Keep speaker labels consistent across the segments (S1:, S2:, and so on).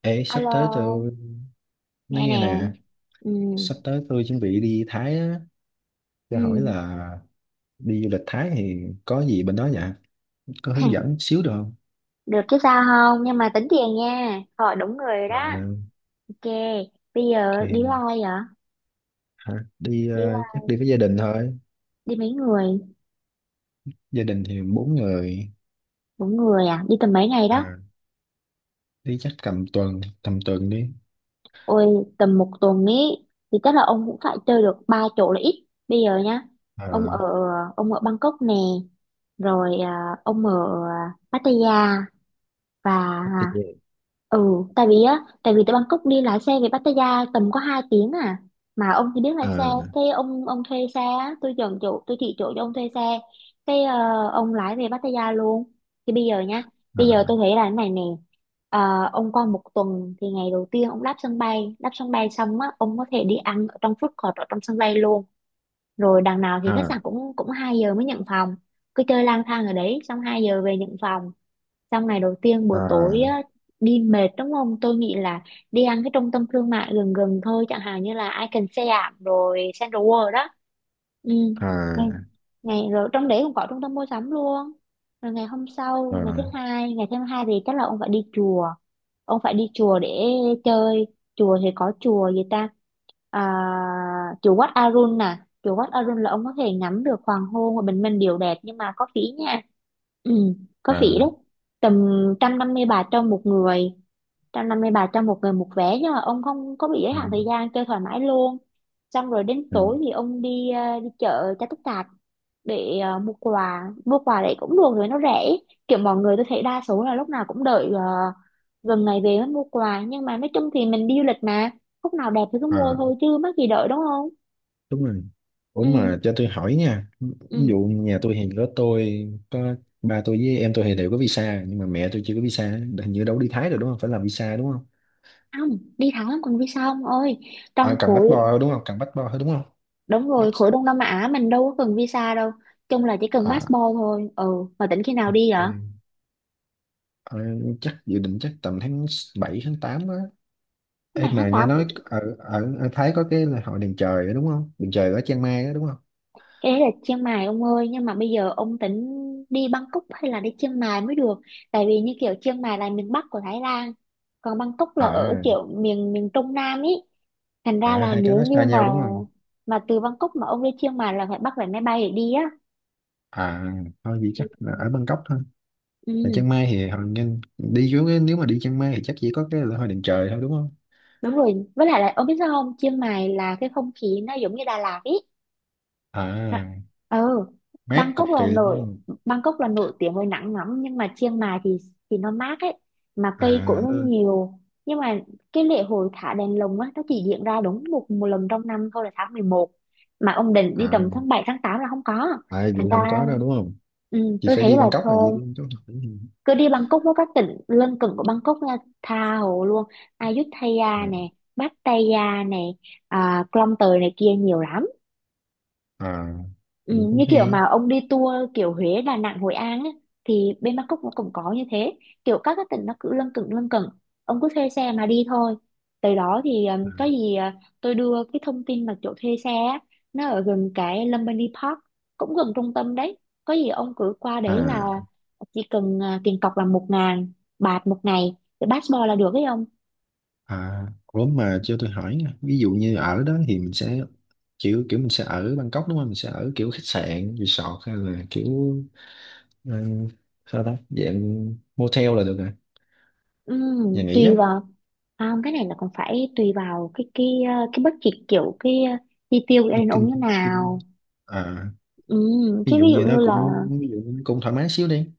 S1: Ê, sắp tới
S2: Alo,
S1: tôi nói
S2: nghe
S1: nghe
S2: nè.
S1: nè,
S2: Ừ,
S1: sắp tới tôi chuẩn bị đi Thái á, cho hỏi
S2: ừ.
S1: là đi du lịch Thái thì có gì bên đó nhỉ? Có hướng dẫn xíu được không?
S2: Được chứ sao không? Nhưng mà tính tiền nha. Hỏi đúng người rồi
S1: À,
S2: đó. Ok, bây giờ đi với ai
S1: ok,
S2: vậy?
S1: hả? Đi
S2: Đi
S1: chắc đi với gia đình thôi,
S2: đi mấy người?
S1: gia đình thì 4 người,
S2: Bốn người à? Đi tầm mấy ngày đó?
S1: à, đi chắc tầm tuần đi.
S2: Ôi, tầm một tuần ý. Thì chắc là ông cũng phải chơi được ba chỗ là ít. Bây giờ nhá, ông ở
S1: À,
S2: ông ở Bangkok nè, rồi ông ở Pattaya và
S1: chắc đi về.
S2: Ừ, tại vì á, tại vì từ Bangkok đi lái xe về Pattaya tầm có 2 tiếng à. Mà ông thì biết lái
S1: À,
S2: xe, cái ông thuê xe á, tôi chọn chỗ, tôi chỉ chỗ cho ông thuê xe. Ông lái về Pattaya luôn. Thì bây giờ nhá, bây giờ
S1: à,
S2: tôi thấy là thế này nè. Ông qua một tuần thì ngày đầu tiên ông đáp sân bay xong á, ông có thể đi ăn ở trong food court ở trong sân bay luôn. Rồi đằng nào thì khách sạn
S1: à,
S2: cũng cũng 2 giờ mới nhận phòng. Cứ chơi lang thang ở đấy xong 2 giờ về nhận phòng. Xong ngày đầu tiên buổi
S1: à,
S2: tối á, đi mệt đúng không? Tôi nghĩ là đi ăn cái trung tâm thương mại gần gần thôi, chẳng hạn như là Icon Siam rồi Central World đó, ừ, ngày
S1: à,
S2: ngày rồi trong đấy cũng có trung tâm mua sắm luôn. Rồi ngày hôm sau ngày thứ
S1: à,
S2: hai, ngày thứ hai thì chắc là ông phải đi chùa, ông phải đi chùa để chơi. Chùa thì có chùa gì ta? À, chùa Wat Arun nè, chùa Wat Arun là ông có thể ngắm được hoàng hôn và bình minh đều đẹp nhưng mà có phí nha. Ừ, có phí đấy.
S1: à,
S2: Tầm 150 baht cho một người, 150 bài cho một người một vé, nhưng mà ông không có bị giới
S1: à,
S2: hạn thời gian, chơi thoải mái luôn. Xong rồi đến
S1: à,
S2: tối thì ông đi đi chợ cho tất cả, để mua quà. Mua quà đấy cũng được, rồi nó rẻ. Kiểu mọi người tôi thấy đa số là lúc nào cũng đợi gần ngày về mới mua quà, nhưng mà nói chung thì mình đi du lịch mà, lúc nào đẹp thì cứ mua
S1: à,
S2: thôi chứ mắc gì đợi, đúng không?
S1: đúng rồi. Ủa
S2: Ừ,
S1: mà cho tôi hỏi nha, ví
S2: ừ,
S1: dụ nhà tôi thì có, tôi có ba tôi với em tôi thì đều có visa nhưng mà mẹ tôi chưa có visa, hình như đâu đi Thái rồi đúng không, phải làm visa đúng không?
S2: không đi thẳng lắm cần visa ông ơi,
S1: À,
S2: trong
S1: cần
S2: khối.
S1: passport đúng không, cần passport thôi đúng không?
S2: Đúng
S1: Bắt.
S2: rồi, khối Đông Nam Á mình đâu có cần visa đâu, chung là chỉ cần passport
S1: À,
S2: thôi. Ừ, mà tỉnh khi nào đi
S1: ok.
S2: vậy?
S1: Ờ, chắc dự định chắc tầm tháng 7 tháng 8 á. Ê
S2: Bạn tháng
S1: mà nghe
S2: tám
S1: nói ở Thái có cái là hội đèn trời đó, đúng không, đèn trời ở Chiang Mai đó, đúng không?
S2: Cái đấy là Chiang Mai ông ơi, nhưng mà bây giờ ông tính đi Bangkok hay là đi Chiang Mai mới được. Tại vì như kiểu Chiang Mai là miền Bắc của Thái Lan, còn Bangkok là ở
S1: À,
S2: kiểu miền miền Trung Nam ý. Thành ra
S1: à,
S2: là
S1: hai cái
S2: nếu
S1: nó
S2: như
S1: xa nhau
S2: mà
S1: đúng không?
S2: mà từ Bangkok mà ông đi Chiang Mai là phải bắt vé máy bay để đi á.
S1: À, thôi vậy
S2: Ừ.
S1: chắc là ở Bangkok thôi. Mà Chiang
S2: Ừ,
S1: Mai thì hồi nhìn đi xuống cái- nếu mà đi Chiang Mai thì chắc chỉ có cái lễ hội đền trời thôi đúng không?
S2: đúng rồi, với lại là ông biết sao không, Chiang Mai là cái không khí nó giống như Đà Lạt ý. Đã-
S1: À,
S2: Ừ,
S1: mát cực
S2: Bangkok là
S1: kỳ lắm đúng
S2: nổi
S1: không?
S2: Bangkok là nổi tiếng với nắng nóng, nhưng mà Chiang Mai thì nó mát ấy, mà
S1: À,
S2: cây cũng nó
S1: nó,
S2: nhiều. Nhưng mà cái lễ hội thả đèn lồng á, nó chỉ diễn ra đúng một một lần trong năm thôi, là tháng 11, mà ông định
S1: à,
S2: đi tầm tháng 7 tháng 8 là không có.
S1: à vậy
S2: Thành
S1: không
S2: ra
S1: có đâu đúng không?
S2: ừ,
S1: Chị
S2: tôi
S1: phải
S2: thấy
S1: đi
S2: là
S1: Bangkok là gì
S2: thôi
S1: đi chỗ nào?
S2: cứ đi Bangkok với các tỉnh lân cận của Bangkok nha, tha hồ luôn. Ayutthaya
S1: À,
S2: nè, Pattaya nè, à, Klong Toei này kia, nhiều lắm.
S1: à,
S2: Ừ,
S1: vậy
S2: như
S1: cũng
S2: kiểu
S1: hay.
S2: mà ông đi tour kiểu Huế, Đà Nẵng, Hội An ấy, thì bên Bangkok nó cũng có như thế. Kiểu các cái tỉnh nó cứ lân cận lân cận, ông cứ thuê xe mà đi thôi. Tới đó thì có gì tôi đưa cái thông tin là chỗ thuê xe á, nó ở gần cái Lumbini Park, cũng gần trung tâm đấy. Có gì ông cứ qua đấy là
S1: À,
S2: chỉ cần tiền cọc là 1.000 bạt 1 ngày cái passport là được ấy ông.
S1: à, ủa mà cho tôi hỏi nha. Ví dụ như ở đó thì mình sẽ kiểu kiểu mình sẽ ở Bangkok đúng không? Mình sẽ ở kiểu khách sạn, resort hay là kiểu ừ, sao ta? Dạng motel là được rồi, nhà
S2: Tùy
S1: nghỉ á.
S2: vào cái này là còn phải tùy vào cái budget kiểu chi tiêu của gia
S1: Nó
S2: đình ông
S1: kinh
S2: như
S1: kinh.
S2: nào.
S1: À, ví
S2: Chứ
S1: dụ
S2: ví dụ
S1: như nó
S2: như
S1: cũng
S2: là
S1: ví dụ nó cũng thoải mái xíu đi,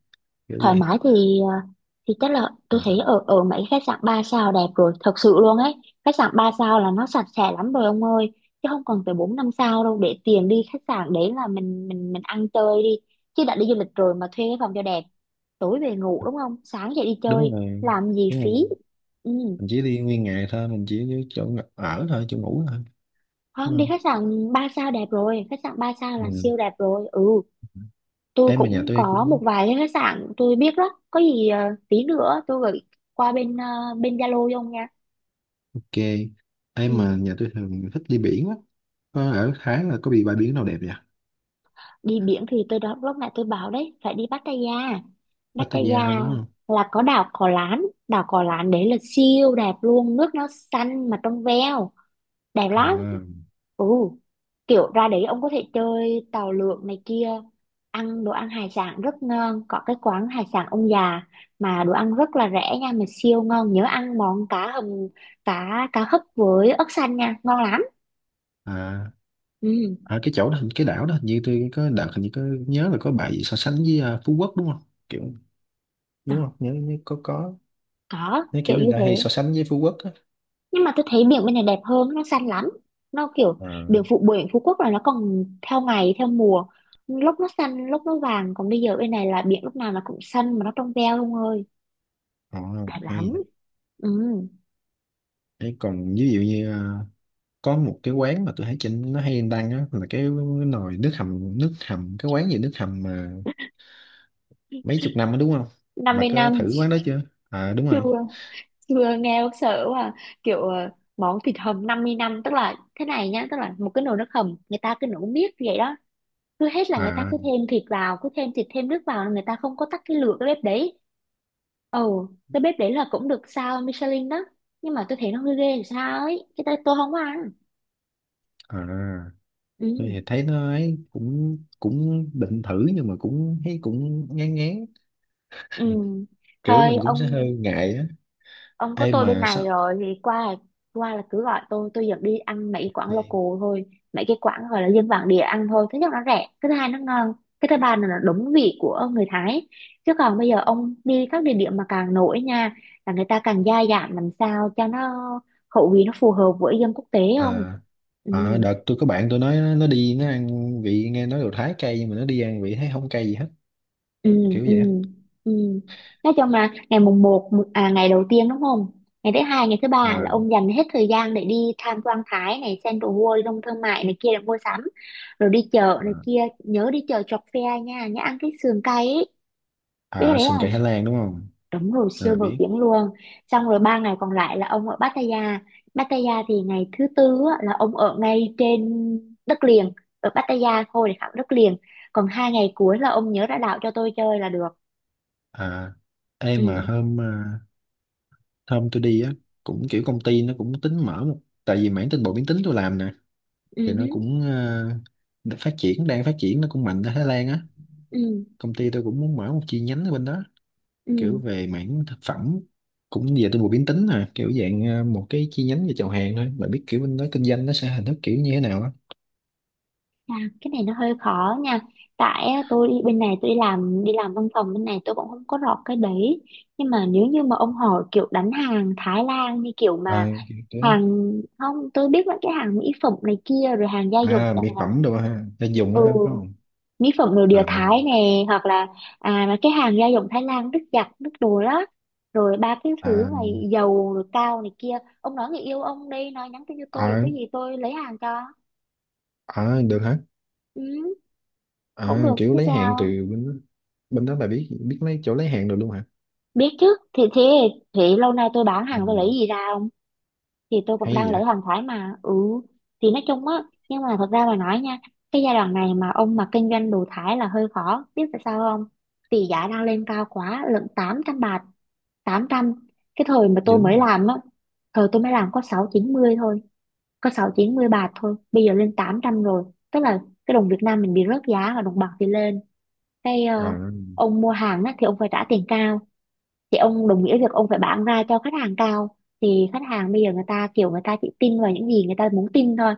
S1: kiểu
S2: thoải
S1: vậy.
S2: mái thì thì chắc là tôi
S1: À,
S2: thấy ở ở mấy khách sạn 3 sao đẹp rồi, thật sự luôn ấy. Khách sạn 3 sao là nó sạch sẽ lắm rồi ông ơi, chứ không cần phải 4 5 sao đâu. Để tiền đi khách sạn đấy là mình mình ăn chơi đi, chứ đã đi du lịch rồi mà thuê cái phòng cho đẹp, tối về ngủ đúng không, sáng dậy đi
S1: đúng
S2: chơi
S1: rồi,
S2: làm gì
S1: đúng rồi,
S2: phí.
S1: mình
S2: Ừ.
S1: mình chỉ đi nguyên ngày thôi, mình chỉ đi chỗ ở thôi, chỗ ngủ thôi
S2: Không,
S1: đúng
S2: đi
S1: không?
S2: khách sạn 3 sao đẹp rồi, khách sạn 3 sao là
S1: Ừ.
S2: siêu đẹp rồi. Ừ, tôi
S1: em mà nhà
S2: cũng
S1: tôi
S2: có
S1: cũng
S2: một vài cái khách sạn tôi biết đó. Có gì tí nữa tôi gửi qua bên bên Zalo cho ông nha.
S1: ok, em mà
S2: Ừ.
S1: nhà tôi thường thích đi biển á, có ở Thái là có bị bãi biển nào đẹp vậy?
S2: Đi biển thì tôi đó, lúc nãy tôi bảo đấy, phải đi Pattaya.
S1: Pattaya thôi
S2: Pattaya
S1: đúng không?
S2: là có đảo Cò Lán đấy là siêu đẹp luôn, nước nó xanh mà trong veo. Đẹp lắm.
S1: À,
S2: Ừ, kiểu ra đấy ông có thể chơi tàu lượn này kia, ăn đồ ăn hải sản rất ngon, có cái quán hải sản ông già mà đồ ăn rất là rẻ nha, mà siêu ngon. Nhớ ăn món cá hầm, cá cá hấp với ớt xanh nha, ngon lắm.
S1: à,
S2: Ừ.
S1: à cái chỗ đó cái đảo đó hình như tôi có đợt hình như có nhớ là có bài gì so sánh với à, Phú Quốc đúng không? Kiểu,
S2: Ờ,
S1: đúng không nhớ, nhớ có,
S2: có
S1: nó kiểu
S2: kiểu
S1: người
S2: như
S1: ta
S2: thế,
S1: hay so sánh với Phú Quốc á.
S2: nhưng mà tôi thấy biển bên này đẹp hơn, nó xanh lắm. Nó kiểu
S1: Ờ,
S2: biển Phú Quốc là nó còn theo ngày theo mùa, lúc nó xanh lúc nó vàng, còn bây giờ bên này là biển lúc nào nó cũng xanh mà nó trong veo luôn ơi.
S1: ờ,
S2: Đẹp
S1: hay vậy.
S2: lắm. Ừ.
S1: Thế còn ví dụ như à, có một cái quán mà tôi thấy trên nó hay đăng á là cái nồi nước hầm, nước hầm cái quán gì nước hầm mà mấy chục năm á đúng không?
S2: năm
S1: Bà
S2: mươi
S1: có
S2: năm
S1: thử quán đó chưa? À đúng
S2: Chưa,
S1: rồi.
S2: chưa, nghe bác sợ quá à. Kiểu món thịt hầm 50 năm tức là thế này nhá, tức là một cái nồi nước hầm người ta cứ nấu miết vậy đó, cứ hết là người ta
S1: À,
S2: cứ thêm thịt vào, cứ thêm thịt thêm nước vào, người ta không có tắt cái lửa cái bếp đấy. Ồ, cái bếp đấy là cũng được sao Michelin đó, nhưng mà tôi thấy nó hơi ghê làm sao ấy, cái tay tôi không có ăn.
S1: à, tôi thì
S2: Ừ.
S1: thấy nó ấy cũng cũng định thử nhưng mà cũng thấy cũng ngán ngán,
S2: Ừ,
S1: kiểu
S2: thôi
S1: mình cũng sẽ
S2: ông
S1: hơi ngại á.
S2: ông có
S1: Ê
S2: tôi bên
S1: mà
S2: này
S1: sao
S2: rồi thì qua là cứ gọi tôi dẫn đi ăn mấy quán
S1: vậy?
S2: local thôi. Mấy cái quán gọi là dân bản địa ăn thôi, thứ nhất nó rẻ, cái thứ hai nó ngon, cái thứ ba là nó đúng vị của người Thái. Chứ còn bây giờ ông đi các địa điểm mà càng nổi nha, là người ta càng gia giảm làm sao cho nó khẩu vị nó phù hợp với dân quốc tế, không.
S1: Ờ.
S2: Ừ.
S1: À, đợt tôi có bạn tôi nói nó đi nó ăn, vị nghe nói đồ Thái cay nhưng mà nó đi ăn vị thấy không cay gì hết,
S2: Ừ,
S1: kiểu
S2: ừ,
S1: vậy á.
S2: ừ, nói chung là ngày mùng một ngày đầu tiên đúng không, ngày thứ hai ngày thứ ba là
S1: Ờ,
S2: ông dành hết thời gian để đi tham quan Thái này, Central World, Đông Thương mại này kia để mua sắm. Rồi đi chợ
S1: ờ.
S2: này kia, nhớ đi chợ chọc phe nha, nhớ ăn cái sườn cay ấy, biết cái
S1: À,
S2: đấy
S1: sườn
S2: không?
S1: cay Thái Lan đúng không?
S2: Đúng rồi,
S1: À
S2: siêu nổi
S1: biết.
S2: tiếng luôn. Xong rồi 3 ngày còn lại là ông ở Pattaya. Pattaya thì ngày thứ tư á, là ông ở ngay trên đất liền, ở Pattaya thôi để khảo đất liền. Còn 2 ngày cuối là ông nhớ ra đảo cho tôi chơi là được.
S1: À, em mà
S2: Ừ.
S1: hôm tôi đi á cũng kiểu công ty nó cũng tính mở một, tại vì mảng tinh bột biến tính tôi làm nè,
S2: Ừ,
S1: thì nó cũng à, phát triển, đang phát triển nó cũng mạnh ở Thái Lan á,
S2: ừ,
S1: công ty tôi cũng muốn mở một chi nhánh ở bên đó, kiểu
S2: ừ.
S1: về mảng thực phẩm, cũng về tôi vừa biến tính à, kiểu dạng một cái chi nhánh về chào hàng thôi, bạn biết kiểu bên đó kinh doanh nó sẽ hình thức kiểu như thế nào á.
S2: À, cái này nó hơi khó nha. Tại á, tôi đi bên này tôi đi làm, đi làm văn phòng bên này tôi cũng không có rõ cái đấy. Nhưng mà nếu như mà ông hỏi kiểu đánh hàng Thái Lan như kiểu
S1: À,
S2: mà
S1: kiểu thế.
S2: hàng, không, tôi biết là cái hàng mỹ phẩm này kia rồi hàng gia dụng
S1: À,
S2: chẳng
S1: mỹ phẩm
S2: hạn.
S1: đồ ha, để dùng
S2: ừ,
S1: á ha, phải không?
S2: Mỹ phẩm nội
S1: À,
S2: địa Thái nè, hoặc là à mà cái hàng gia dụng Thái Lan, nước giặt nước đồ đó, rồi ba cái thứ
S1: à,
S2: mà dầu rồi cao này kia. Ông nói người yêu ông đi, nói nhắn tin cho tôi rồi
S1: à,
S2: có gì tôi lấy hàng cho.
S1: à được hả?
S2: Ừ, cũng
S1: À,
S2: được
S1: kiểu
S2: chứ
S1: lấy hàng từ
S2: sao.
S1: bên đó. Bên đó bà biết biết lấy chỗ lấy hàng được luôn hả?
S2: Biết chứ, thì thế, thì lâu nay tôi bán
S1: Ừ,
S2: hàng tôi lấy gì ra không, thì tôi cũng đang
S1: hay
S2: lấy
S1: vậy.
S2: hàng Thái mà. Ừ, thì nói chung á, nhưng mà thật ra mà nói nha, cái giai đoạn này mà ông mà kinh doanh đồ Thái là hơi khó, biết tại sao không? Vì giá đang lên cao quá lận, 800 bạc, tám trăm. Cái thời mà tôi
S1: Dữ
S2: mới
S1: vậy.
S2: làm á, thời tôi mới làm có sáu chín mươi thôi, có sáu chín mươi bạc thôi, bây giờ lên 800 rồi. Tức là cái đồng Việt Nam mình bị rớt giá và đồng bạc thì lên. cái
S1: À,
S2: ờ, ông mua hàng á, thì ông phải trả tiền cao, thì ông đồng nghĩa việc ông phải bán ra cho khách hàng cao, thì khách hàng bây giờ người ta kiểu người ta chỉ tin vào những gì người ta muốn tin thôi.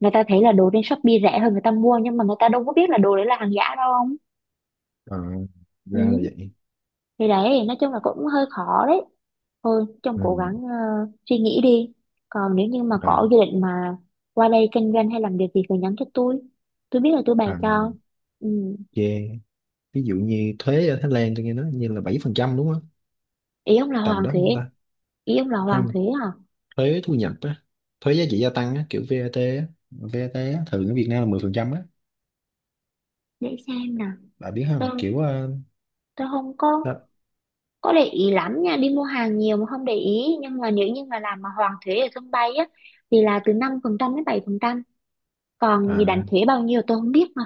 S2: Người ta thấy là đồ trên Shopee rẻ hơn người ta mua, nhưng mà người ta đâu có biết là đồ đấy là hàng giả đâu ông.
S1: à, ra là
S2: Ừ.
S1: vậy.
S2: Thì đấy, nói chung là cũng hơi khó đấy, thôi trông
S1: Ừ,
S2: cố gắng suy nghĩ đi. Còn nếu như mà
S1: à,
S2: có dự định mà qua đây kinh doanh hay làm việc gì thì nhắn cho tôi biết là tôi bày
S1: à,
S2: cho. Ừ.
S1: yeah. Ví dụ như thuế ở Thái Lan tôi nghe nói như là 7% đúng không?
S2: Ý ông là
S1: Tầm
S2: hoàng
S1: đó
S2: thuế?
S1: chúng ta.
S2: Ý ông là hoàng
S1: Không,
S2: thuế hả?
S1: thuế thu nhập á, thuế giá trị gia tăng á, kiểu VAT á, VAT á, thường ở Việt Nam là 10% á,
S2: Để xem nào.
S1: bạn biết không?
S2: tôi
S1: Kiểu
S2: tôi không có,
S1: đó,
S2: có để ý lắm nha, đi mua hàng nhiều mà không để ý, nhưng mà nếu như mà làm mà hoàn thuế ở sân bay á, thì là từ 5% đến 7%, còn bị đánh
S1: à,
S2: thuế bao nhiêu tôi không biết mà.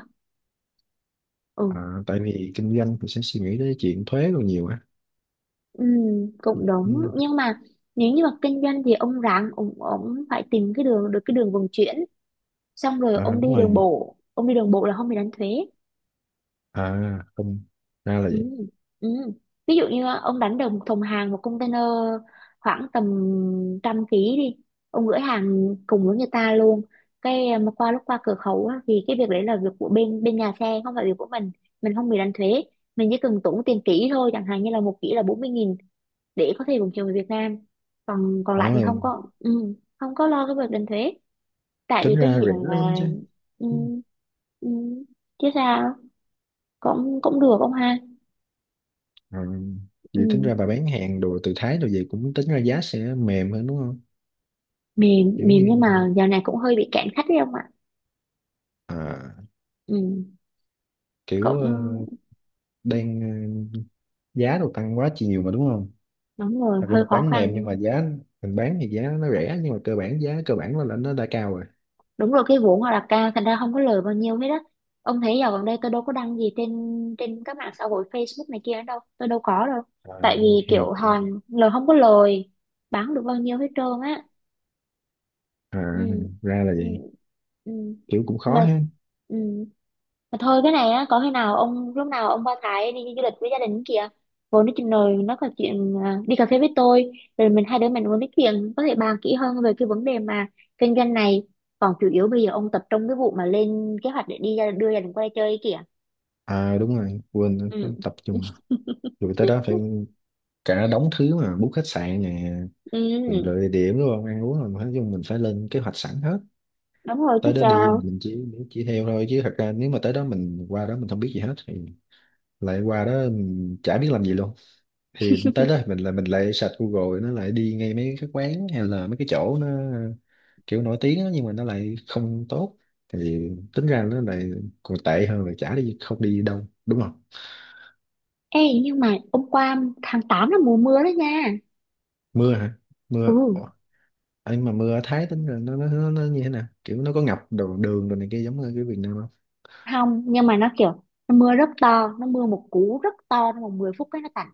S2: Ừ,
S1: à, tại vì kinh doanh thì sẽ suy nghĩ tới chuyện thuế còn nhiều á.
S2: ừ, cũng đúng.
S1: Ừ,
S2: Nhưng mà nếu như mà kinh doanh thì ông ráng ông phải tìm cái đường, được cái đường vận chuyển, xong rồi
S1: à,
S2: ông đi
S1: đúng
S2: đường
S1: rồi.
S2: bộ, ông đi đường bộ là không bị đánh thuế.
S1: À không, ra là vậy.
S2: Ừ, ừ. Ví dụ như ông đánh đồng thùng hàng một container, khoảng tầm trăm ký đi, ông gửi hàng cùng với người ta luôn. Mà qua lúc qua cửa khẩu á, thì cái việc đấy là việc của bên bên nhà xe, không phải việc của mình không bị đánh thuế. Mình chỉ cần tốn tiền kỹ thôi, chẳng hạn như là một kỹ là 40.000, để có thể vận chuyển về Việt Nam. Còn còn
S1: Ờ,
S2: lại thì không có, không có lo cái việc đánh thuế. Tại
S1: tính
S2: vì tôi
S1: ra
S2: nghĩ
S1: rẻ
S2: rằng
S1: lắm
S2: là
S1: chứ.
S2: ừ,
S1: Ừ.
S2: ừ, chứ sao. Cũng cũng được ông ha.
S1: À, vậy tính ra bà
S2: Ừ.
S1: bán hàng đồ từ Thái đồ gì cũng tính ra giá sẽ mềm hơn đúng không?
S2: Mềm,
S1: Kiểu
S2: mềm,
S1: như
S2: nhưng mà giờ này cũng hơi bị cạn khách đấy ông ạ.
S1: à,
S2: Ừ,
S1: kiểu
S2: cũng
S1: đang ờ, giá đồ tăng quá nhiều mà đúng không?
S2: đúng rồi,
S1: Thật ra
S2: hơi
S1: mình
S2: khó
S1: bán mềm nhưng
S2: khăn.
S1: mà giá, mình bán thì giá nó rẻ nhưng mà cơ bản giá cơ bản nó là nó đã cao rồi.
S2: Đúng rồi, cái vốn họ đặt ra thành ra không có lời bao nhiêu hết á. Ông thấy giờ gần đây tôi đâu có đăng gì trên, trên các mạng xã hội Facebook này kia đâu, tôi đâu có đâu.
S1: À,
S2: Tại vì
S1: hàng-.
S2: kiểu hàng lời không có lời, bán không được bao nhiêu hết trơn á.
S1: À,
S2: Ừ,
S1: ra là
S2: ừ,
S1: vậy,
S2: ừ,
S1: kiểu cũng
S2: mà
S1: khó ha.
S2: ừ. Mà thôi, cái này á, có khi nào ông lúc nào ông qua Thái đi du lịch với gia đình kìa, vốn nói chuyện rồi nó có chuyện à, đi cà phê với tôi, rồi mình hai đứa mình muốn nói chuyện có thể bàn kỹ hơn về cái vấn đề mà kinh doanh này. Còn chủ yếu bây giờ ông tập trung cái vụ mà lên kế hoạch để đi ra, đưa gia đình qua đây chơi ấy kìa.
S1: À đúng rồi quên, phải
S2: Ừ.
S1: tập trung. Rồi tới đó phải cả đống thứ mà book khách sạn nè, mình lựa
S2: Ừ,
S1: địa điểm đúng không, ăn uống rồi, nói chung mình phải lên kế hoạch sẵn hết.
S2: đúng rồi chứ
S1: Tới đó đi
S2: sao.
S1: mình chỉ theo thôi chứ thật ra nếu mà tới đó mình qua đó mình không biết gì hết thì, lại qua đó mình chả biết làm gì luôn, thì tới đó mình là mình lại search Google nó lại đi ngay mấy cái quán hay là mấy cái chỗ nó kiểu nổi tiếng á, nhưng mà nó lại không tốt, thì tính ra nó lại còn tệ hơn là chả đi không đi đâu đúng không?
S2: Ê nhưng mà hôm qua, tháng 8 là mùa mưa đó nha.
S1: Mưa hả? Mưa.
S2: Ừ,
S1: Ủa, ấy mà mưa ở Thái tính là nó như thế nào, kiểu nó có ngập đồ đường đồ này kia giống như cái Việt Nam không?
S2: không, nhưng mà nó kiểu, nó mưa rất to, nó mưa một cú rất to trong vòng 10 phút cái nó tạt.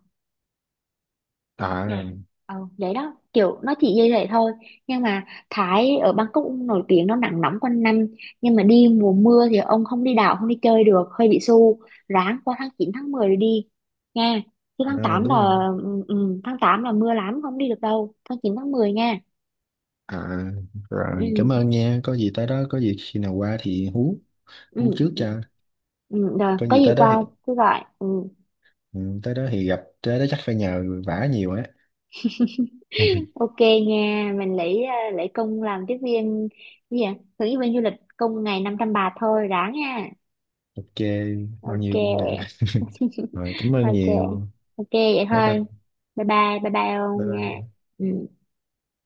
S1: À,
S2: Dạ. Ờ, vậy đó, kiểu nó chỉ như vậy thôi, nhưng mà Thái ở Bangkok cũng nổi tiếng nó nắng nóng quanh năm, nhưng mà đi mùa mưa thì ông không đi đảo không đi chơi được, hơi bị xu, ráng qua tháng 9 tháng 10 rồi đi nha, chứ
S1: à
S2: tháng 8 là
S1: đúng không?
S2: ừ, ừ, tháng 8 là mưa lắm, không đi được đâu, tháng chín tháng mười nha.
S1: À
S2: Ừ,
S1: rồi cảm ơn nha, có gì tới đó, có gì khi nào qua thì hú, hú
S2: ừ,
S1: trước cho.
S2: ừ, rồi
S1: Có
S2: có
S1: gì
S2: gì
S1: tới đó thì
S2: qua cứ gọi. Ừ.
S1: ừ, tới đó thì gặp, tới đó chắc phải nhờ vả nhiều á.
S2: Ok nha, mình lấy lấy công làm tiếp viên gì, à, hướng dẫn viên du lịch công ngày 500 bạt thôi, ráng nha.
S1: Ok, bao
S2: Ok.
S1: nhiêu cũng được, rồi cảm ơn
S2: Ok.
S1: nhiều.
S2: Ok vậy
S1: Bye bye.
S2: thôi. Bye bye. Bye bye
S1: Bye
S2: ông nha.
S1: bye.
S2: Ừ.